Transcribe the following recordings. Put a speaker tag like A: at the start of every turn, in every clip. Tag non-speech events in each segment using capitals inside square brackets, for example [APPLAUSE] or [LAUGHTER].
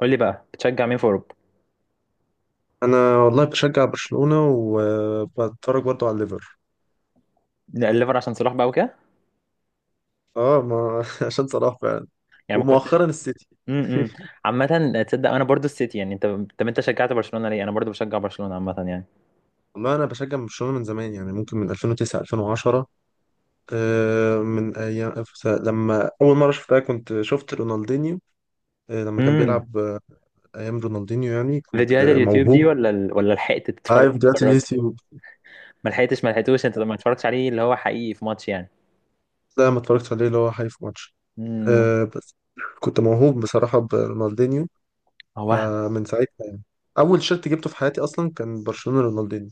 A: قول لي بقى بتشجع مين في اوروبا.
B: انا والله بشجع برشلونة وبتفرج برضو على الليفر.
A: الليفر عشان صلاح بقى وكده.
B: اه، ما [LAUGHS] عشان صلاح فعلا.
A: يعني ما
B: ومؤخرا
A: كنتش.
B: السيتي.
A: امم
B: [LAUGHS]
A: عامه تصدق انا برضو السيتي يعني انت؟ طب انت شجعت برشلونه ليه؟ انا برضو بشجع برشلونه عامه يعني.
B: والله انا بشجع برشلونة من زمان، يعني ممكن من 2009 2010. من ايام لما اول مره شفتها، كنت شفت رونالدينيو. لما كان
A: امم
B: بيلعب، ايام رونالدينيو، يعني كنت
A: فيديوهات اليوتيوب دي
B: موهوب.
A: ولا ال... ولا لحقت تتفرج؟
B: عارف فيديوهات
A: تتفرج.
B: اليوتيوب.
A: ما لحقتش، ما لحقتوش، انت ما اتفرجتش عليه اللي هو حقيقي في ماتش يعني.
B: لا، ما اتفرجتش عليه اللي هو حي في ماتش.
A: امم
B: بس كنت موهوب بصراحه برونالدينيو.
A: هو وهم.
B: فمن ساعتها، اول شيرت جبته في حياتي اصلا كان برشلونة رونالدينيو.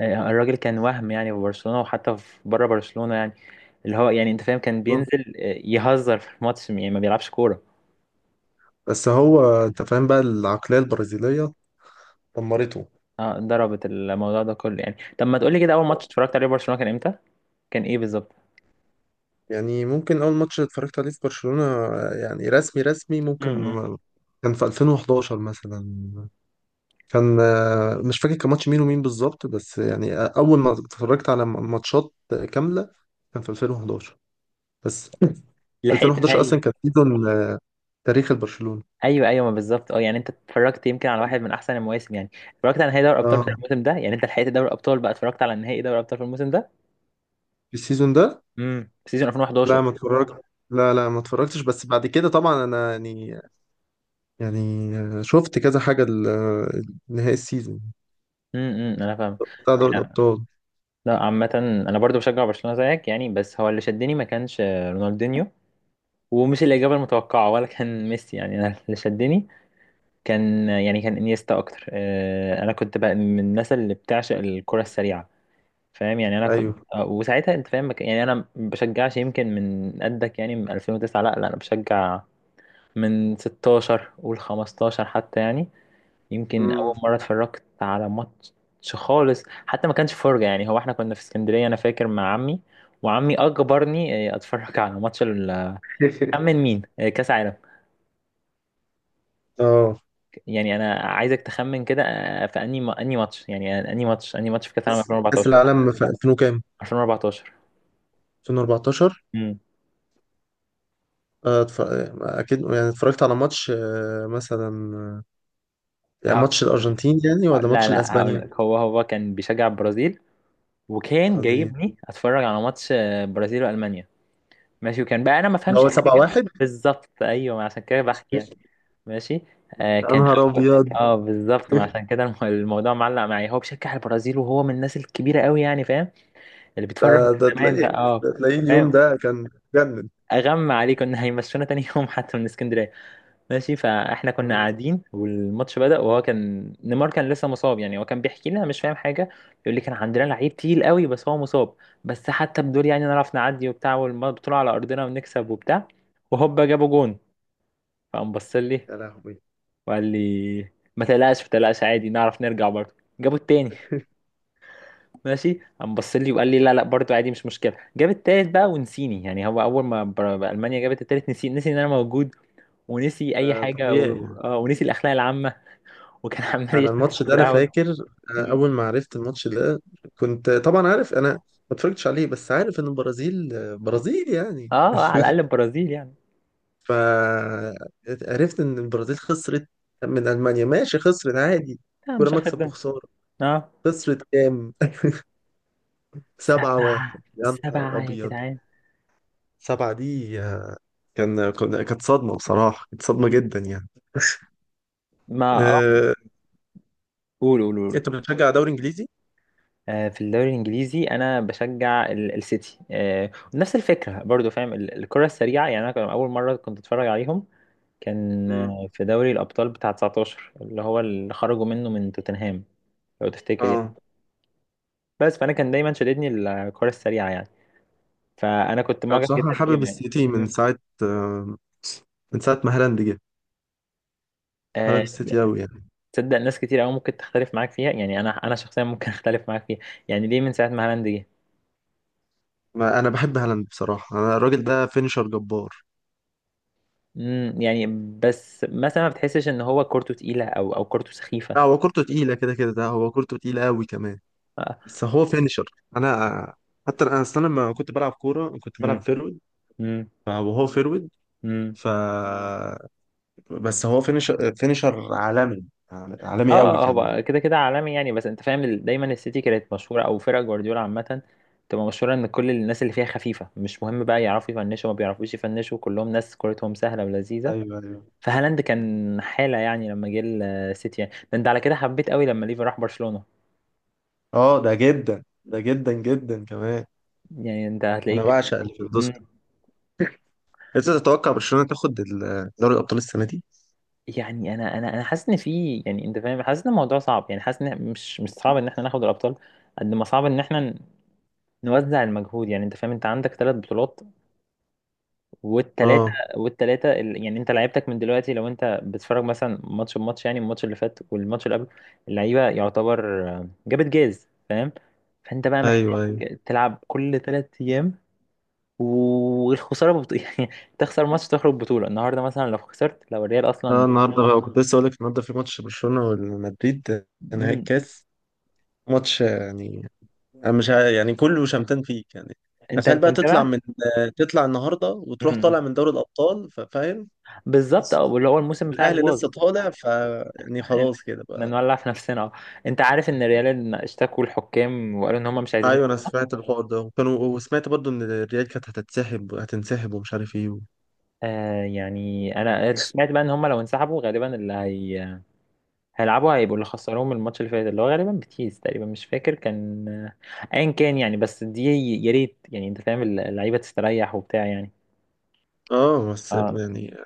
A: الراجل كان وهم يعني في برشلونه وحتى في بره برشلونه يعني. اللي هو يعني انت فاهم كان بينزل، يهزر في الماتش يعني ما بيلعبش كوره.
B: بس هو انت فاهم بقى، العقلية البرازيلية دمرته.
A: اه، ضربت الموضوع ده كله يعني. طب ما تقول لي كده، اول ماتش اتفرجت عليه برشلونه كان امتى؟ كان ايه بالظبط؟
B: يعني ممكن اول ماتش اتفرجت عليه في برشلونة، يعني رسمي رسمي، ممكن
A: امم
B: كان في 2011 مثلا. كان، مش فاكر كان ماتش مين ومين بالظبط، بس يعني اول ما اتفرجت على ماتشات كاملة، كان في 2011. بس
A: لحقت
B: 2011
A: نهائي؟
B: اصلا كان سيزون، تاريخ البرشلونة.
A: ايوه ايوه، ما بالظبط اه، يعني انت اتفرجت يمكن على واحد من احسن المواسم يعني. اتفرجت على نهائي دوري الابطال بتاع
B: اه،
A: الموسم ده، يعني انت لحقت دوري الابطال بقى، اتفرجت على نهائي دوري الابطال في الموسم ده.
B: في السيزون ده.
A: سيزون
B: لا،
A: 2011.
B: ما اتفرجت. لا لا، ما اتفرجتش، بس بعد كده طبعا انا، يعني، يعني شفت كذا حاجة، نهائي السيزون
A: أمم، انا فاهم.
B: بتاع دوري
A: إحنا-
B: الأبطال.
A: لا عامه، انا برضو بشجع برشلونه زيك يعني، بس هو اللي شدني ما كانش، رونالدينيو، ومش الاجابه المتوقعه ولا كان ميسي يعني. انا اللي شدني كان يعني كان انيستا اكتر، انا كنت بقى من الناس اللي بتعشق الكره السريعه. فاهم يعني، انا كنت،
B: أيوه.
A: وساعتها انت فاهم يعني انا ما بشجعش يمكن من قدك يعني من 2009. لا لا، انا بشجع من 16، قول 15 حتى يعني. يمكن اول
B: امم.
A: مره اتفرجت على ماتش خالص حتى ما كانش فرجه يعني. هو احنا كنا في اسكندريه انا فاكر مع عمي، وعمي اجبرني، اتفرج على ماتش
B: [LAUGHS]
A: خمن مين، كاس عالم.
B: اه،
A: يعني انا عايزك تخمن كده، في انهي ماتش يعني، انهي ماتش في كاس عالم
B: بس كأس
A: 2014؟
B: العالم في 2000 وكام؟
A: 2014.
B: 2014. آه، اتف- اكيد يعني اتفرجت على ماتش، مثلا، يعني
A: امم
B: ماتش الارجنتين، يعني، ولا
A: لا
B: ماتش
A: لا، هقول
B: الاسبانيا.
A: لك، هو كان بيشجع البرازيل، وكان
B: البرازيل.
A: جايبني اتفرج على ماتش، برازيل والمانيا. ماشي، وكان بقى انا ما
B: اللي
A: فهمش
B: هو
A: حاجه
B: 7-1.
A: بالظبط، ايوه، عشان كده بحكي يعني. ماشي. آه
B: يا
A: كان
B: نهار
A: أول-
B: ابيض! [LAUGHS]
A: اه بالظبط، ما عشان كده الموضوع معلق معايا. هو بيشجع البرازيل، وهو من الناس الكبيره قوي يعني، فاهم، اللي
B: ده
A: بيتفرج من
B: ده
A: زمان
B: تلاقيه،
A: بقى. اه
B: ده تلاقيه اليوم
A: فاهم.
B: ده كان جنن.
A: اغمى عليه، كنا هيمشونا تاني يوم حتى من اسكندريه. ماشي، فاحنا كنا
B: آه،
A: قاعدين والماتش بدأ، وهو كان نيمار كان لسه مصاب يعني. هو كان بيحكي لنا، مش فاهم حاجة. يقول لي كان عندنا لعيب تقيل قوي بس هو مصاب، بس حتى بدول يعني نعرف نعدي وبتاع، والبطولة على أرضنا ونكسب وبتاع. وهوبا جابوا جون، فقام بص لي
B: يا لهوي.
A: وقال لي، ما تقلقش ما تقلقش، عادي نعرف نرجع. برضه جابوا التاني، ماشي. قام بص لي وقال لي، لا لا، برضه عادي، مش مشكلة. جاب التالت بقى ونسيني يعني. هو أول ما ألمانيا جابت التالت، نسي، نسي إن أنا موجود، ونسي أي
B: ده
A: حاجة و...
B: طبيعي.
A: ونسي الأخلاق العامة، وكان [LAUGHS] عمال
B: انا
A: يشمس في
B: الماتش ده انا
A: القهوه.
B: فاكر. أنا
A: مم.
B: اول ما عرفت الماتش ده، كنت طبعا عارف انا ما اتفرجتش عليه، بس عارف ان البرازيل، برازيل يعني.
A: اه،
B: [LAUGHS]
A: على الاقل البرازيل يعني.
B: فعرفت ان البرازيل خسرت من المانيا، ماشي، خسرت عادي،
A: لا
B: كرة
A: مش اخر
B: مكسب
A: الدنيا.
B: وخسارة.
A: اه،
B: خسرت كام؟ [LAUGHS] سبعة
A: سبعه
B: واحد يا نهار
A: سبعه يا
B: ابيض.
A: جدعان.
B: سبعة دي كانت صدمة بصراحة، كانت صدمة
A: م-
B: جدا يعني.
A: ما اه
B: أه...
A: قول قول قول.
B: انت بتشجع دوري انجليزي؟
A: في الدوري الانجليزي انا بشجع السيتي، نفس الفكره برضو، فاهم الكره السريعه يعني. انا كان اول مره كنت اتفرج عليهم كان،
B: مم.
A: في دوري الابطال بتاع 19، اللي هو اللي خرجوا منه من توتنهام، لو تفتكر يعني.
B: اه،
A: بس فانا كان دايما شددني الكره السريعه يعني، فانا كنت
B: انا
A: معجب
B: بصراحة
A: جدا
B: حابب
A: بيهم يعني.
B: السيتي من
A: مم.
B: ساعة، آه، من ساعة ما هالاند جه. حابب
A: آه،
B: السيتي أوي يعني.
A: تصدق ناس كتير قوي ممكن تختلف معاك فيها يعني. انا شخصيا ممكن [LAUGHS] اختلف معاك فيها. يعني ليه من ساعه ما هالاند جه؟
B: ما أنا بحب هالاند بصراحة. أنا الراجل ده فينشر جبار.
A: يعني بس مثلا، ما بتحسش ان هو كورته تقيله، او كورته سخيفه؟
B: لا، هو كورته تقيلة كده كده، ده هو كورته تقيلة أوي كمان،
A: اه.
B: بس هو فينشر. أنا، حتى أنا أصلا لما كنت بلعب كورة كنت بلعب
A: مم.
B: فيرود،
A: مم.
B: وهو فيرود،
A: مم.
B: ف بس هو فينشر، فينشر عالمي،
A: اه،
B: عالمي أوي كمان.
A: هو كده كده عالمي يعني، بس انت فاهم دايما السيتي كانت مشهوره، او فرق جوارديولا عامه تبقى مشهوره، ان كل الناس اللي فيها خفيفه. مش مهم بقى يعرفوا يفنشوا ما بيعرفوش يفنشوا، كلهم ناس كورتهم سهله ولذيذه.
B: ايوه، ايوه.
A: فهالاند كان حاله يعني لما جه السيتي يعني. ده انت على كده حبيت قوي لما ليفا راح برشلونه
B: اه، ده جدا، ده جدا جدا كمان.
A: يعني؟ انت
B: انا
A: هتلاقيك.
B: بعشق اللي في
A: مم.
B: الدوسك. انت تتوقع برشلونة تاخد دوري الابطال السنة دي؟
A: يعني انا حاسس ان في، يعني انت فاهم، حاسس ان الموضوع صعب يعني. حاسس ان مش صعب ان احنا ناخد الابطال قد ما صعب ان احنا نوزع المجهود. يعني انت فاهم، انت عندك ثلاث بطولات، والثلاثه،
B: اه،
A: والثلاثه يعني انت لعيبتك من دلوقتي، لو انت بتتفرج مثلا ماتش بماتش يعني، الماتش اللي فات والماتش اللي قبله، اللعيبه يعتبر، جابت جاز. فانت بقى محتاج
B: ايوه، ايوه.
A: تلعب كل ثلاث ايام، والخساره [LAUGHS] يعني تخسر ماتش، تخرج بطوله. النهارده مثلا لو خسرت، لو الريال
B: اه،
A: اصلا.
B: النهارده بقى كنت لسه اقول لك، النهارده في ماتش برشلونه والمدريد، نهائي
A: مم.
B: الكاس، ماتش يعني. انا مش يعني كله شمتان فيك يعني.
A: انت
B: تخيل
A: انت
B: بقى تطلع
A: متابع.
B: من، تطلع النهارده وتروح طالع
A: مم.
B: من دوري الابطال، فاهم.
A: بالظبط
B: بس
A: اه، واللي هو الموسم بتاعك
B: الاهلي
A: باظ
B: لسه
A: [LAUGHS]
B: طالع، ف يعني
A: ان
B: خلاص كده
A: إن
B: بقى.
A: نولع في نفسنا اه. انت عارف ان ريال اشتكوا الحكام وقالوا ان هم مش عايزين.
B: ايوه، انا سمعت الحوار ده، وكانوا، وسمعت برضو ان الريال كانت هتتسحب، هتنسحب، ومش عارف ايه و.
A: آه يعني انا سمعت بقى ان هم لو انسحبوا غالبا اللي هي... هيلعبوا، هيبقوا اللي خسروهم الماتش اللي فات، اللي هو غالبا بيتيس تقريبا، مش فاكر كان، ايا كان يعني، بس دي يا ريت يعني، انت فاهم، اللعيبه تستريح وبتاع يعني.
B: اه، بس
A: اه.
B: يعني،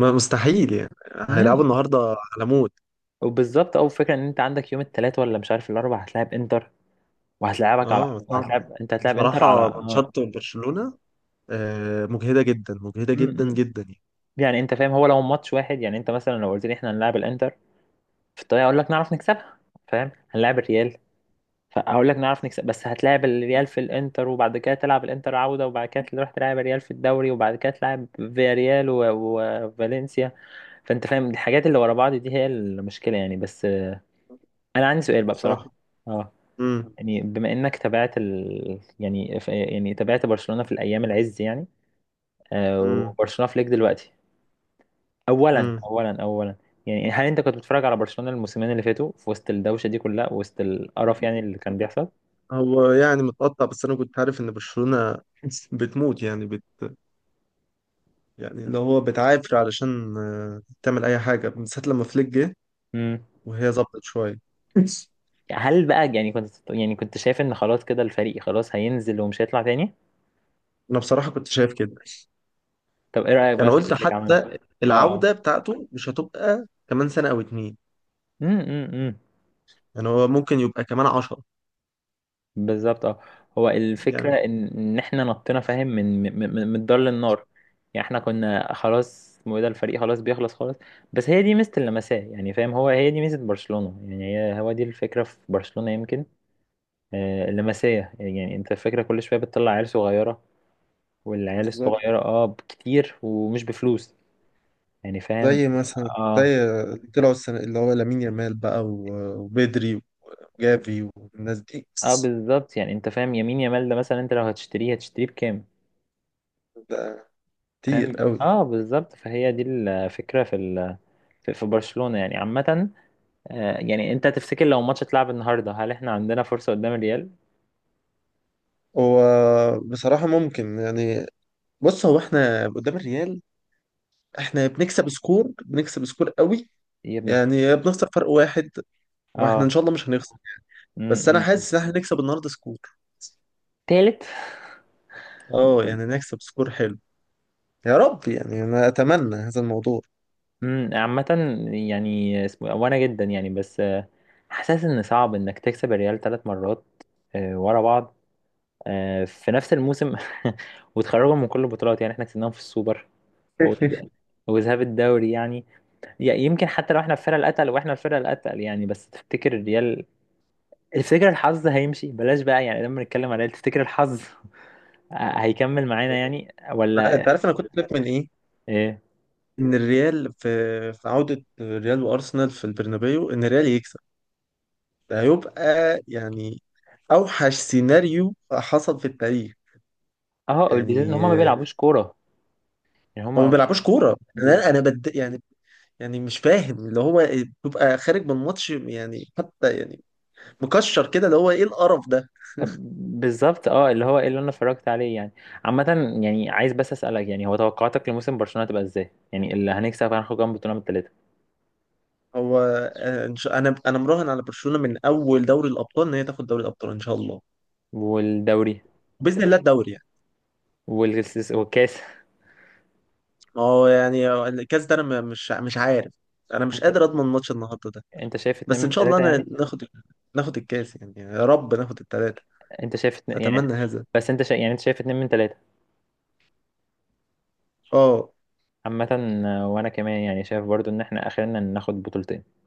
B: ما مستحيل يعني. هيلعبوا
A: امم
B: النهارده على موت.
A: وبالظبط، او فكره ان انت عندك يوم الثلاث ولا مش عارف الاربع هتلاعب انتر، وهتلاعبك على
B: اه، صعب.
A: وهتلاعب انت هتلاعب انتر
B: بصراحه
A: على اه.
B: ماتشات برشلونه مجهدة جدا، مجهدة جدا
A: مم.
B: جدا يعني.
A: يعني انت فاهم، هو لو ماتش واحد يعني، انت مثلا لو قلت لي احنا هنلاعب الانتر، في الطريق اقول لك نعرف نكسبها، فاهم. هنلاعب الريال، فاقول لك نعرف نكسب. بس هتلاعب الريال في الانتر، وبعد كده تلعب الانتر عودة، وبعد كده تروح تلعب الريال في الدوري، وبعد كده تلعب فياريال وفالنسيا. فانت فاهم الحاجات اللي ورا بعض دي هي المشكلة يعني. بس، انا عندي سؤال بقى
B: بصراحة،
A: بصراحة. اه.
B: امم
A: يعني بما انك تابعت ال... يعني يعني تابعت برشلونة في الايام العز يعني،
B: امم
A: وبرشلونة في ليج دلوقتي. اولا
B: امم
A: اولا اولا يعني هل انت كنت بتتفرج على برشلونة الموسمين اللي فاتوا في وسط الدوشه دي كلها، وسط القرف يعني اللي كان بيحصل؟
B: هو يعني متقطع، بس انا كنت عارف ان برشلونة [LAUGHS] بتموت يعني، يعني اللي هو بتعافر علشان تعمل اي حاجة من ساعة لما فليك جه،
A: امم
B: وهي ظبطت شوية.
A: هل بقى، يعني كنت، يعني كنت شايف ان خلاص كده الفريق خلاص هينزل ومش هيطلع تاني؟
B: انا بصراحة كنت شايف كده.
A: طب ايه رايك بقى
B: يعني
A: في
B: قلت
A: اللي فليك عمله؟
B: حتى،
A: اه.
B: العودة
A: اه.
B: بتاعته مش هتبقى كمان سنة او اتنين،
A: أمم.
B: يعني هو ممكن يبقى كمان 10،
A: بالظبط اه. هو الفكره
B: يعني
A: ان ان احنا نطينا، فاهم، من الدار للنار. يعني احنا كنا خلاص، اسمه ايه ده، الفريق خلاص بيخلص خالص. بس هي دي ميزه اللمسيه يعني، فاهم، هي دي ميزه برشلونه يعني، هي دي الفكره في برشلونه يمكن، اللمسية يعني انت فاكرة كل شوية بتطلع عيال صغيرة، والعيال
B: بالظبط.
A: الصغيرة اه كتير ومش بفلوس يعني، فاهم.
B: زي مثلا،
A: اه.
B: زي اللي طلعوا السنة اللي هو لامين يامال بقى وبدري وجافي والناس دي.
A: اه بالظبط، يعني انت فاهم يمين يمال ده مثلا، انت لو هتشتريه هتشتريه بكام؟
B: ده كتير
A: فاهم،
B: قوي.
A: اه بالظبط. فهي دي الفكرة في ال... في برشلونة يعني عامة. آه يعني انت تفتكر لو ماتش اتلعب النهاردة هل احنا عندنا فرصة قدام الريال؟
B: هو بصراحة ممكن يعني. بص، هو احنا قدام الريال، احنا بنكسب سكور، بنكسب سكور قوي،
A: يا ابن اخ-
B: يعني بنخسر فرق واحد، واحنا ان
A: اه.
B: شاء الله مش هنخسر.
A: م-
B: بس انا
A: م- م.
B: حاسس ان احنا نكسب النهارده سكور.
A: تالت.
B: اه، يعني نكسب سكور حلو. يا رب، يعني انا اتمنى هذا الموضوع.
A: عامة يعني، اسمه إيه، وانا جدا يعني، بس، حاسس ان صعب انك تكسب الريال ثلاث مرات، ورا بعض، في نفس الموسم [LAUGHS] وتخرجهم من كل البطولات. يعني احنا كسبناهم في السوبر، وذ-
B: [LAUGHS]
A: وذهاب الدوري يعني. يمكن حتى لو احنا الفرقة الاتقل، واحنا الفرقة الاتقل يعني. بس تفتكر الريال [LAUGHS] تفتكر الحظ هيمشي بلاش بقى يعني، لما نتكلم على الريال تفتكر الحظ [LAUGHS] هيكمل معانا يعني
B: انت
A: ولا
B: عارف انا كنت خايف من ايه؟
A: ايه؟
B: ان الريال في عودة الريال وارسنال في البرنابيو، ان الريال يكسب. ده هيبقى يعني اوحش سيناريو حصل في التاريخ.
A: اه البيزيز ان
B: يعني،
A: هما ما بيلعبوش كورة يعني.
B: هو ما
A: هما
B: بيلعبوش كورة. انا يعني، يعني مش فاهم اللي هو بيبقى خارج من الماتش يعني، حتى يعني مكشر كده، اللي هو ايه القرف ده؟
A: بالظبط اه، اللي هو ايه اللي انا اتفرجت عليه يعني. عامة، يعني عايز بس اسألك يعني، هو توقعاتك لموسم برشلونة تبقى ازاي؟ يعني اللي هنكسب، هناخد كام بطولة من التلاتة؟
B: هو، انا مراهن على برشلونة من اول دوري الابطال، ان هي تاخد دوري الابطال ان شاء الله،
A: والدوري؟
B: باذن الله، الدوري يعني.
A: والكاس، والكاس.
B: ما هو يعني الكاس ده انا مش عارف. انا
A: [LAUGHS]
B: مش
A: انت
B: قادر اضمن ماتش النهارده ده.
A: انت شايف اتنين
B: بس
A: من
B: ان شاء الله
A: تلاتة
B: انا
A: يعني؟
B: ناخد، ناخد الكاس يعني. يا رب ناخد الثلاثه.
A: انت شايف اتنين يعني؟
B: اتمنى هذا.
A: بس انت شا... يعني انت شايف اتنين من تلاتة؟
B: اه.
A: عامة، وانا كمان يعني شايف برضو ان احنا اخرنا ناخد بطولتين.